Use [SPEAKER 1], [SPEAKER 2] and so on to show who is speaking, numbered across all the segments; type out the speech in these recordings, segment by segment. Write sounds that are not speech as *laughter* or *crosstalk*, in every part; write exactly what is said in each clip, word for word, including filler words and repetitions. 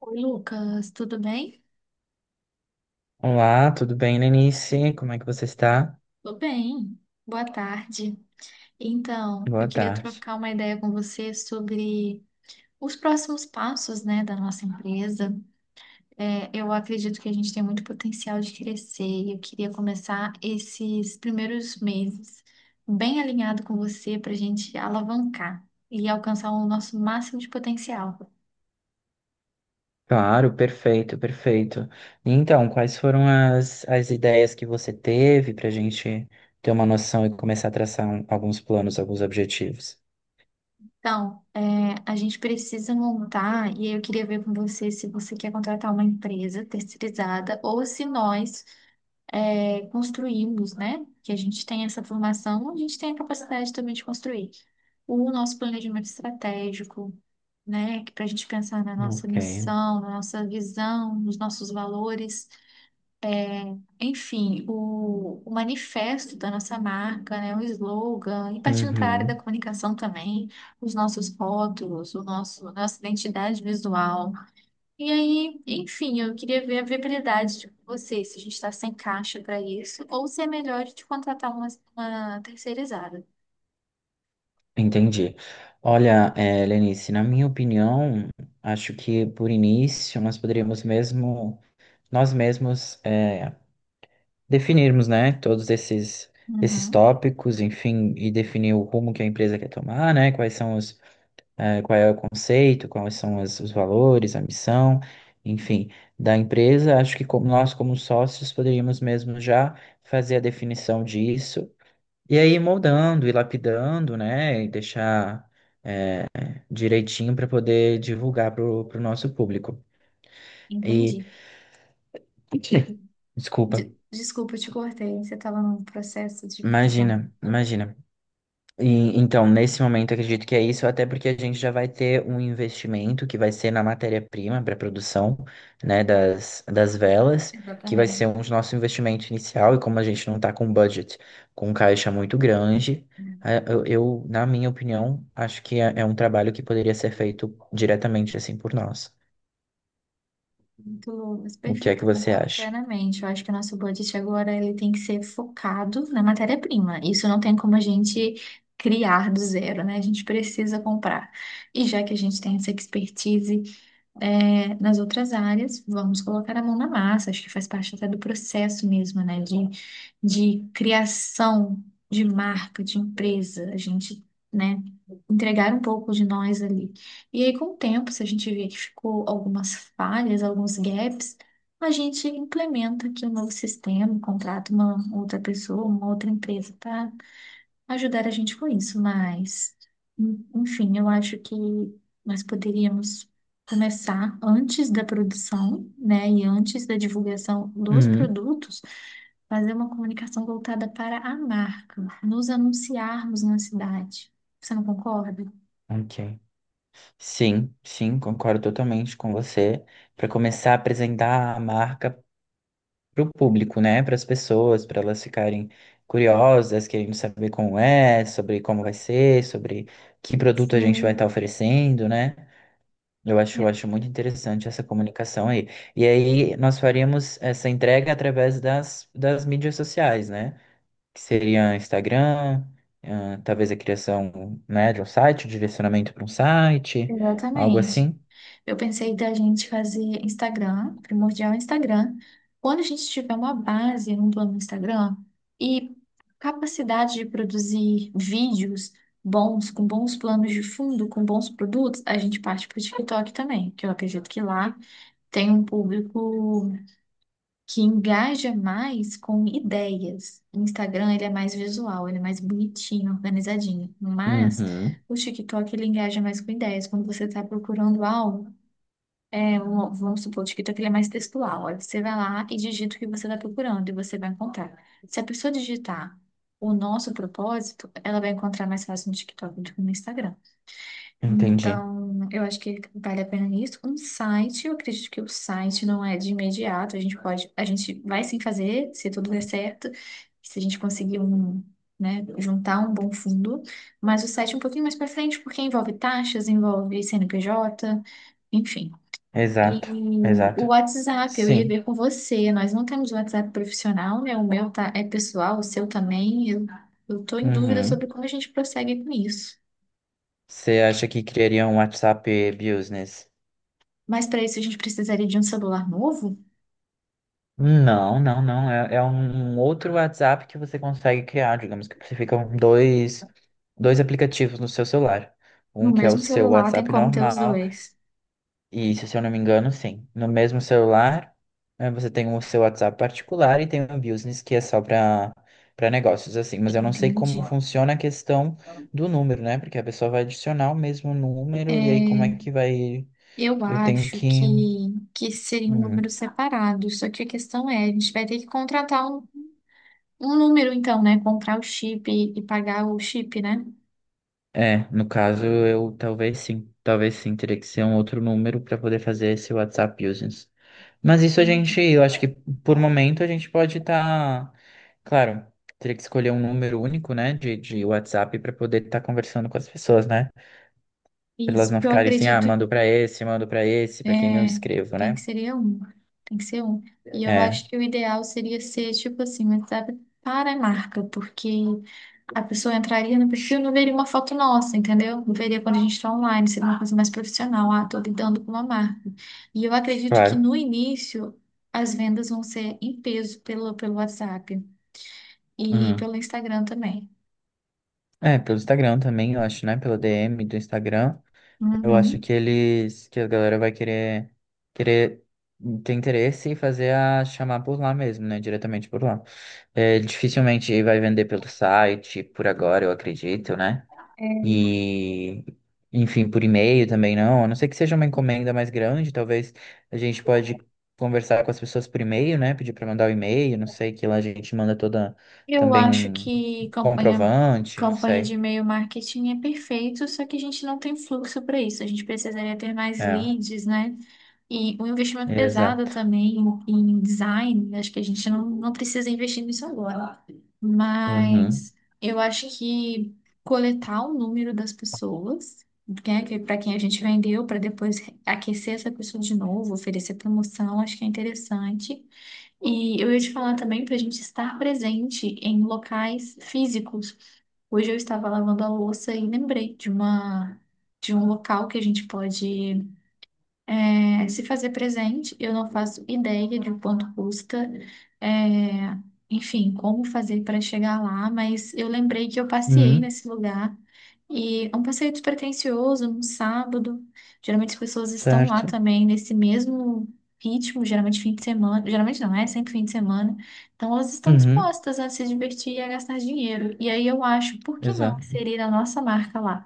[SPEAKER 1] Oi, Lucas, tudo bem?
[SPEAKER 2] Olá, tudo bem, Lenice? Como é que você está?
[SPEAKER 1] Tô bem. Boa tarde. Então, eu
[SPEAKER 2] Boa
[SPEAKER 1] queria
[SPEAKER 2] tarde.
[SPEAKER 1] trocar uma ideia com você sobre os próximos passos, né, da nossa empresa. É, eu acredito que a gente tem muito potencial de crescer e eu queria começar esses primeiros meses bem alinhado com você para a gente alavancar e alcançar o nosso máximo de potencial.
[SPEAKER 2] Claro, perfeito, perfeito. Então, quais foram as, as ideias que você teve para a gente ter uma noção e começar a traçar um- alguns planos, alguns objetivos?
[SPEAKER 1] Então, é, a gente precisa montar, e aí eu queria ver com você se você quer contratar uma empresa terceirizada ou se nós é, construímos, né? Que a gente tem essa formação, a gente tem a capacidade também de construir o nosso planejamento estratégico, né? Para a gente pensar na nossa
[SPEAKER 2] Ok.
[SPEAKER 1] missão, na nossa visão, nos nossos valores. Enfim, o, o manifesto da nossa marca, né, o slogan, e partindo para a área da
[SPEAKER 2] Uhum,
[SPEAKER 1] comunicação também, os nossos rótulos, o nosso, nossa identidade visual. E aí, enfim, eu queria ver a viabilidade de você, se a gente está sem caixa para isso, ou se é melhor de contratar uma, uma terceirizada.
[SPEAKER 2] entendi. Olha, eh, Lenice, na minha opinião, acho que por início nós poderíamos mesmo, nós mesmos eh, definirmos, né, todos esses, esses
[SPEAKER 1] Uhum,
[SPEAKER 2] tópicos, enfim, e definir o rumo que a empresa quer tomar, né, quais são os, eh, qual é o conceito, quais são as- os valores, a missão, enfim, da empresa. Acho que como nós, como sócios, poderíamos mesmo já fazer a definição disso. E aí, moldando e lapidando, né, e deixar direitinho para poder divulgar para o nosso público. E,
[SPEAKER 1] entendi.
[SPEAKER 2] *laughs* desculpa,
[SPEAKER 1] De- desculpa, eu te cortei, você estava num processo de, de pensar.
[SPEAKER 2] imagina, imagina. E, então, nesse momento, acredito que é isso, até porque a gente já vai ter um investimento que vai ser na matéria-prima para a produção, né, das, das velas, que vai ser
[SPEAKER 1] Exatamente.
[SPEAKER 2] um dos nosso investimento inicial, e como a gente não está com budget, com caixa muito grande, eh, eu, eu, na minha opinião, acho que é, é um trabalho que poderia ser feito diretamente assim por nós.
[SPEAKER 1] Muito, Lucas,
[SPEAKER 2] O que é que
[SPEAKER 1] perfeito, eu
[SPEAKER 2] você
[SPEAKER 1] concordo
[SPEAKER 2] acha?
[SPEAKER 1] plenamente. Eu acho que o nosso budget agora ele tem que ser focado na matéria-prima. Isso não tem como a gente criar do zero, né? A gente precisa comprar. E já que a gente tem essa expertise, é, nas outras áreas, vamos colocar a mão na massa, acho que faz parte até do processo mesmo, né, de, de criação de marca, de empresa, a gente, né, entregar um pouco de nós ali. E aí, com o tempo, se a gente vê que ficou algumas falhas, alguns gaps, a gente implementa aqui um novo sistema, contrata uma outra pessoa, uma outra empresa para ajudar a gente com isso, mas, en- enfim, eu acho que nós poderíamos começar antes da produção, né, e antes da divulgação dos
[SPEAKER 2] Uhum,
[SPEAKER 1] produtos, fazer uma comunicação voltada para a marca, nos anunciarmos na cidade. Você não concorda?
[SPEAKER 2] ok. Sim, sim, concordo totalmente com você. Para começar a apresentar a marca para o público, né? Para as pessoas, para elas ficarem curiosas, querendo saber como é, sobre como vai ser, sobre que produto a gente vai estar
[SPEAKER 1] Sim.
[SPEAKER 2] oferecendo, né? Eu acho, eu
[SPEAKER 1] É,
[SPEAKER 2] acho muito interessante essa comunicação aí. E aí nós faríamos essa entrega através das, das mídias sociais, né? Que seria Instagram, ah, talvez a criação, né, de um site, o direcionamento para um site, algo
[SPEAKER 1] exatamente.
[SPEAKER 2] assim.
[SPEAKER 1] Eu pensei da gente fazer Instagram, primordial Instagram. Quando a gente tiver uma base, um plano no Instagram e capacidade de produzir vídeos bons, com bons planos de fundo, com bons produtos, a gente parte para o TikTok também, que eu acredito que lá tem um público que engaja mais com ideias. O Instagram, ele é mais visual, ele é mais bonitinho, organizadinho, mas
[SPEAKER 2] Uhum,
[SPEAKER 1] o TikTok, ele engaja mais com ideias. Quando você está procurando algo, é, um- vamos supor, o TikTok ele é mais textual. Aí você vai lá e digita o que você está procurando e você vai encontrar. Se a pessoa digitar o nosso propósito, ela vai encontrar mais fácil no TikTok do que no Instagram.
[SPEAKER 2] entendi.
[SPEAKER 1] Então, eu acho que vale a pena isso. Um site, eu acredito que o site não é de imediato. A gente pode, a gente vai sim fazer, se tudo der certo, se a gente conseguir um, né, juntar um bom fundo. Mas o site é um pouquinho mais para frente, porque envolve taxas, envolve C N P J, enfim.
[SPEAKER 2] Exato,
[SPEAKER 1] E o
[SPEAKER 2] exato.
[SPEAKER 1] WhatsApp, eu ia
[SPEAKER 2] Sim.
[SPEAKER 1] ver com você. Nós não temos WhatsApp profissional, né? O meu tá, é pessoal, o seu também. Eu, eu tô em dúvida
[SPEAKER 2] Uhum.
[SPEAKER 1] sobre como a gente prossegue com isso.
[SPEAKER 2] Você acha que criaria um WhatsApp Business?
[SPEAKER 1] Mas para isso a gente precisaria de um celular novo?
[SPEAKER 2] Não, não, não. É, é um um outro WhatsApp que você consegue criar. Digamos que ficam dois, dois aplicativos no seu celular.
[SPEAKER 1] No
[SPEAKER 2] Um que é o
[SPEAKER 1] mesmo
[SPEAKER 2] seu
[SPEAKER 1] celular tem
[SPEAKER 2] WhatsApp
[SPEAKER 1] como ter os
[SPEAKER 2] normal,
[SPEAKER 1] dois.
[SPEAKER 2] e se eu não me engano, sim. No mesmo celular, eh, você tem o seu WhatsApp particular e tem o Business, que é só para para negócios, assim. Mas eu não sei
[SPEAKER 1] Entendi.
[SPEAKER 2] como funciona a questão do número, né? Porque a pessoa vai adicionar o mesmo número, e aí como é
[SPEAKER 1] É,
[SPEAKER 2] que vai.
[SPEAKER 1] eu
[SPEAKER 2] Eu tenho
[SPEAKER 1] acho que,
[SPEAKER 2] que.
[SPEAKER 1] que seria um
[SPEAKER 2] Hum,
[SPEAKER 1] número separado. Só que a questão é, a gente vai ter que contratar um, um número, então, né? Comprar o chip e, e pagar o chip, né?
[SPEAKER 2] É, no caso, eu talvez sim, talvez sim, teria que ser um outro número para poder fazer esse WhatsApp Business. Mas isso a gente,
[SPEAKER 1] Entendi.
[SPEAKER 2] eu acho que por momento a gente pode estar, claro, teria que escolher um número único, né, de, de WhatsApp para poder estar conversando com as pessoas, né? Para elas
[SPEAKER 1] Isso,
[SPEAKER 2] não
[SPEAKER 1] porque eu
[SPEAKER 2] ficarem assim, ah,
[SPEAKER 1] acredito.
[SPEAKER 2] mando para esse, mando para esse,
[SPEAKER 1] É,
[SPEAKER 2] para quem eu escrevo,
[SPEAKER 1] tem que
[SPEAKER 2] né?
[SPEAKER 1] ser um, tem que ser um. E eu
[SPEAKER 2] É,
[SPEAKER 1] acho que o ideal seria ser, tipo assim, um WhatsApp para a marca, porque a pessoa entraria no perfil e não veria uma foto nossa, entendeu? Não veria quando a gente está online, seria uma coisa mais profissional. Ah, tô lidando com uma marca. E eu acredito que
[SPEAKER 2] claro.
[SPEAKER 1] no início as vendas vão ser em peso pelo, pelo WhatsApp e
[SPEAKER 2] Uhum.
[SPEAKER 1] pelo Instagram também.
[SPEAKER 2] É, pelo Instagram também, eu acho, né? Pelo D M do Instagram. Eu acho
[SPEAKER 1] Uhum.
[SPEAKER 2] que eles, que a galera vai querer, querer ter interesse e fazer a chamar por lá mesmo, né? Diretamente por lá. É, dificilmente vai vender pelo site, por agora, eu acredito, né? E, enfim, por e-mail também não. A não ser que seja uma encomenda mais grande, talvez a gente pode conversar com as pessoas por e-mail, né? Pedir para mandar o e-mail, não sei, que lá a gente manda toda
[SPEAKER 1] Eu
[SPEAKER 2] também
[SPEAKER 1] acho
[SPEAKER 2] um
[SPEAKER 1] que campanha,
[SPEAKER 2] comprovante, não
[SPEAKER 1] campanha de
[SPEAKER 2] sei.
[SPEAKER 1] e-mail marketing é perfeito, só que a gente não tem fluxo para isso. A gente precisaria ter mais
[SPEAKER 2] É,
[SPEAKER 1] leads, né? E um investimento pesado
[SPEAKER 2] exato.
[SPEAKER 1] também em design. Acho que a gente não, não precisa investir nisso agora.
[SPEAKER 2] Uhum.
[SPEAKER 1] Mas eu acho que coletar o número das pessoas, né, que para quem a gente vendeu, para depois aquecer essa pessoa de novo, oferecer promoção, acho que é interessante. E eu ia te falar também para a gente estar presente em locais físicos. Hoje eu estava lavando a louça e lembrei de uma de um local que a gente pode é, se fazer presente, eu não faço ideia de quanto custa, é, enfim, como fazer para chegar lá, mas eu lembrei que eu passeei
[SPEAKER 2] Uhum.
[SPEAKER 1] nesse lugar e é um passeio despretensioso, num sábado. Geralmente as pessoas estão lá
[SPEAKER 2] Certo.
[SPEAKER 1] também nesse mesmo ritmo, geralmente fim de semana, geralmente não é, sempre fim de semana. Então elas estão
[SPEAKER 2] Uhum,
[SPEAKER 1] dispostas a se divertir e a gastar dinheiro. E aí eu acho, por que não
[SPEAKER 2] exato.
[SPEAKER 1] inserir a nossa marca lá?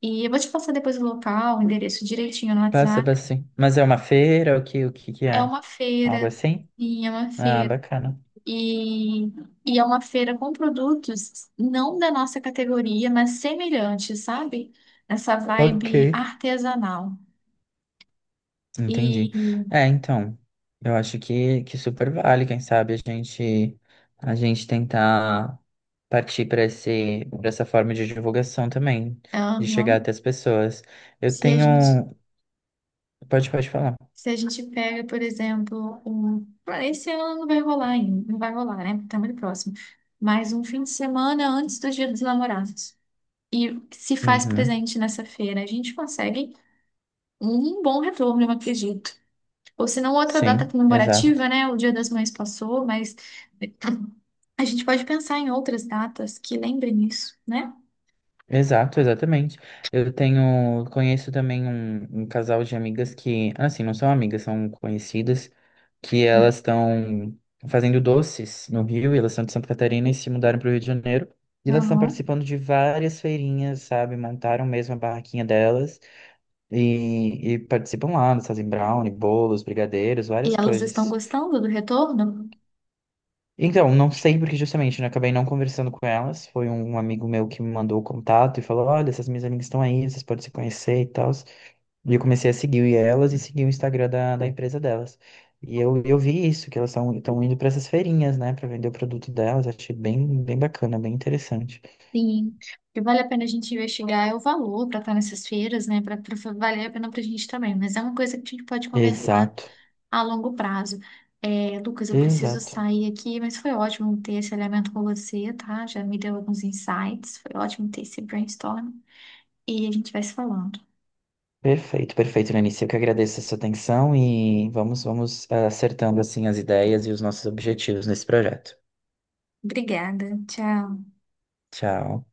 [SPEAKER 1] E eu vou te passar depois o local, o endereço direitinho no
[SPEAKER 2] Passa,
[SPEAKER 1] WhatsApp.
[SPEAKER 2] passa sim. Mas é uma feira, o que, o que que
[SPEAKER 1] É
[SPEAKER 2] é?
[SPEAKER 1] uma
[SPEAKER 2] Algo
[SPEAKER 1] feira,
[SPEAKER 2] assim?
[SPEAKER 1] sim, é uma
[SPEAKER 2] Ah,
[SPEAKER 1] feira.
[SPEAKER 2] bacana.
[SPEAKER 1] E, e é uma feira com produtos não da nossa categoria, mas semelhantes, sabe? Essa vibe
[SPEAKER 2] Ok.
[SPEAKER 1] artesanal.
[SPEAKER 2] Entendi.
[SPEAKER 1] E
[SPEAKER 2] É, então, eu acho que, que super vale, quem sabe a gente a gente tentar partir para esse para essa forma de divulgação também, de chegar
[SPEAKER 1] aham,
[SPEAKER 2] até as pessoas. Eu
[SPEAKER 1] se a gente,
[SPEAKER 2] tenho, pode pode falar.
[SPEAKER 1] se a gente pega, por exemplo, um, ah, esse ano não vai rolar ainda, não vai rolar, né? Porque tá muito próximo. Mas um fim de semana antes do Dia dos Namorados. E se faz
[SPEAKER 2] Uhum.
[SPEAKER 1] presente nessa feira, a gente consegue um bom retorno, eu acredito. Ou se não, outra data
[SPEAKER 2] Sim,
[SPEAKER 1] comemorativa,
[SPEAKER 2] exato.
[SPEAKER 1] né? O Dia das Mães passou, mas a gente pode pensar em outras datas que lembrem isso, né?
[SPEAKER 2] Exato, exatamente. Eu tenho, conheço também um, um casal de amigas que, assim, não são amigas, são conhecidas, que elas estão fazendo doces no Rio, e elas são de Santa Catarina e se mudaram para o Rio de Janeiro. E elas estão
[SPEAKER 1] Uhum.
[SPEAKER 2] participando de várias feirinhas, sabe? Montaram mesmo a barraquinha delas e, e participam lá, elas fazem brownie, bolos, brigadeiros,
[SPEAKER 1] E
[SPEAKER 2] várias
[SPEAKER 1] elas estão
[SPEAKER 2] coisas.
[SPEAKER 1] gostando do retorno?
[SPEAKER 2] Então, não sei porque justamente, né? Acabei não conversando com elas. Foi um um amigo meu que me mandou o contato e falou: Olha, essas minhas amigas estão aí, vocês podem se conhecer e tal. E eu comecei a seguir elas e seguir o Instagram da, da empresa delas. E eu, eu vi isso, que elas estão indo para essas feirinhas, né, para vender o produto delas. Achei bem, bem bacana, bem interessante.
[SPEAKER 1] Sim. E vale a pena a gente investigar é o valor para estar nessas feiras, né? Para valer a pena para a gente também. Mas é uma coisa que a gente pode conversar
[SPEAKER 2] Exato,
[SPEAKER 1] a longo prazo. É, Lucas, eu preciso
[SPEAKER 2] exato.
[SPEAKER 1] sair aqui, mas foi ótimo ter esse elemento com você, tá? Já me deu alguns insights. Foi ótimo ter esse brainstorm. E a gente vai se falando.
[SPEAKER 2] Perfeito, perfeito, Lenice. Eu que agradeço a sua atenção e vamos, vamos eh, acertando assim as ideias e os nossos objetivos nesse projeto.
[SPEAKER 1] Obrigada. Tchau.
[SPEAKER 2] Tchau.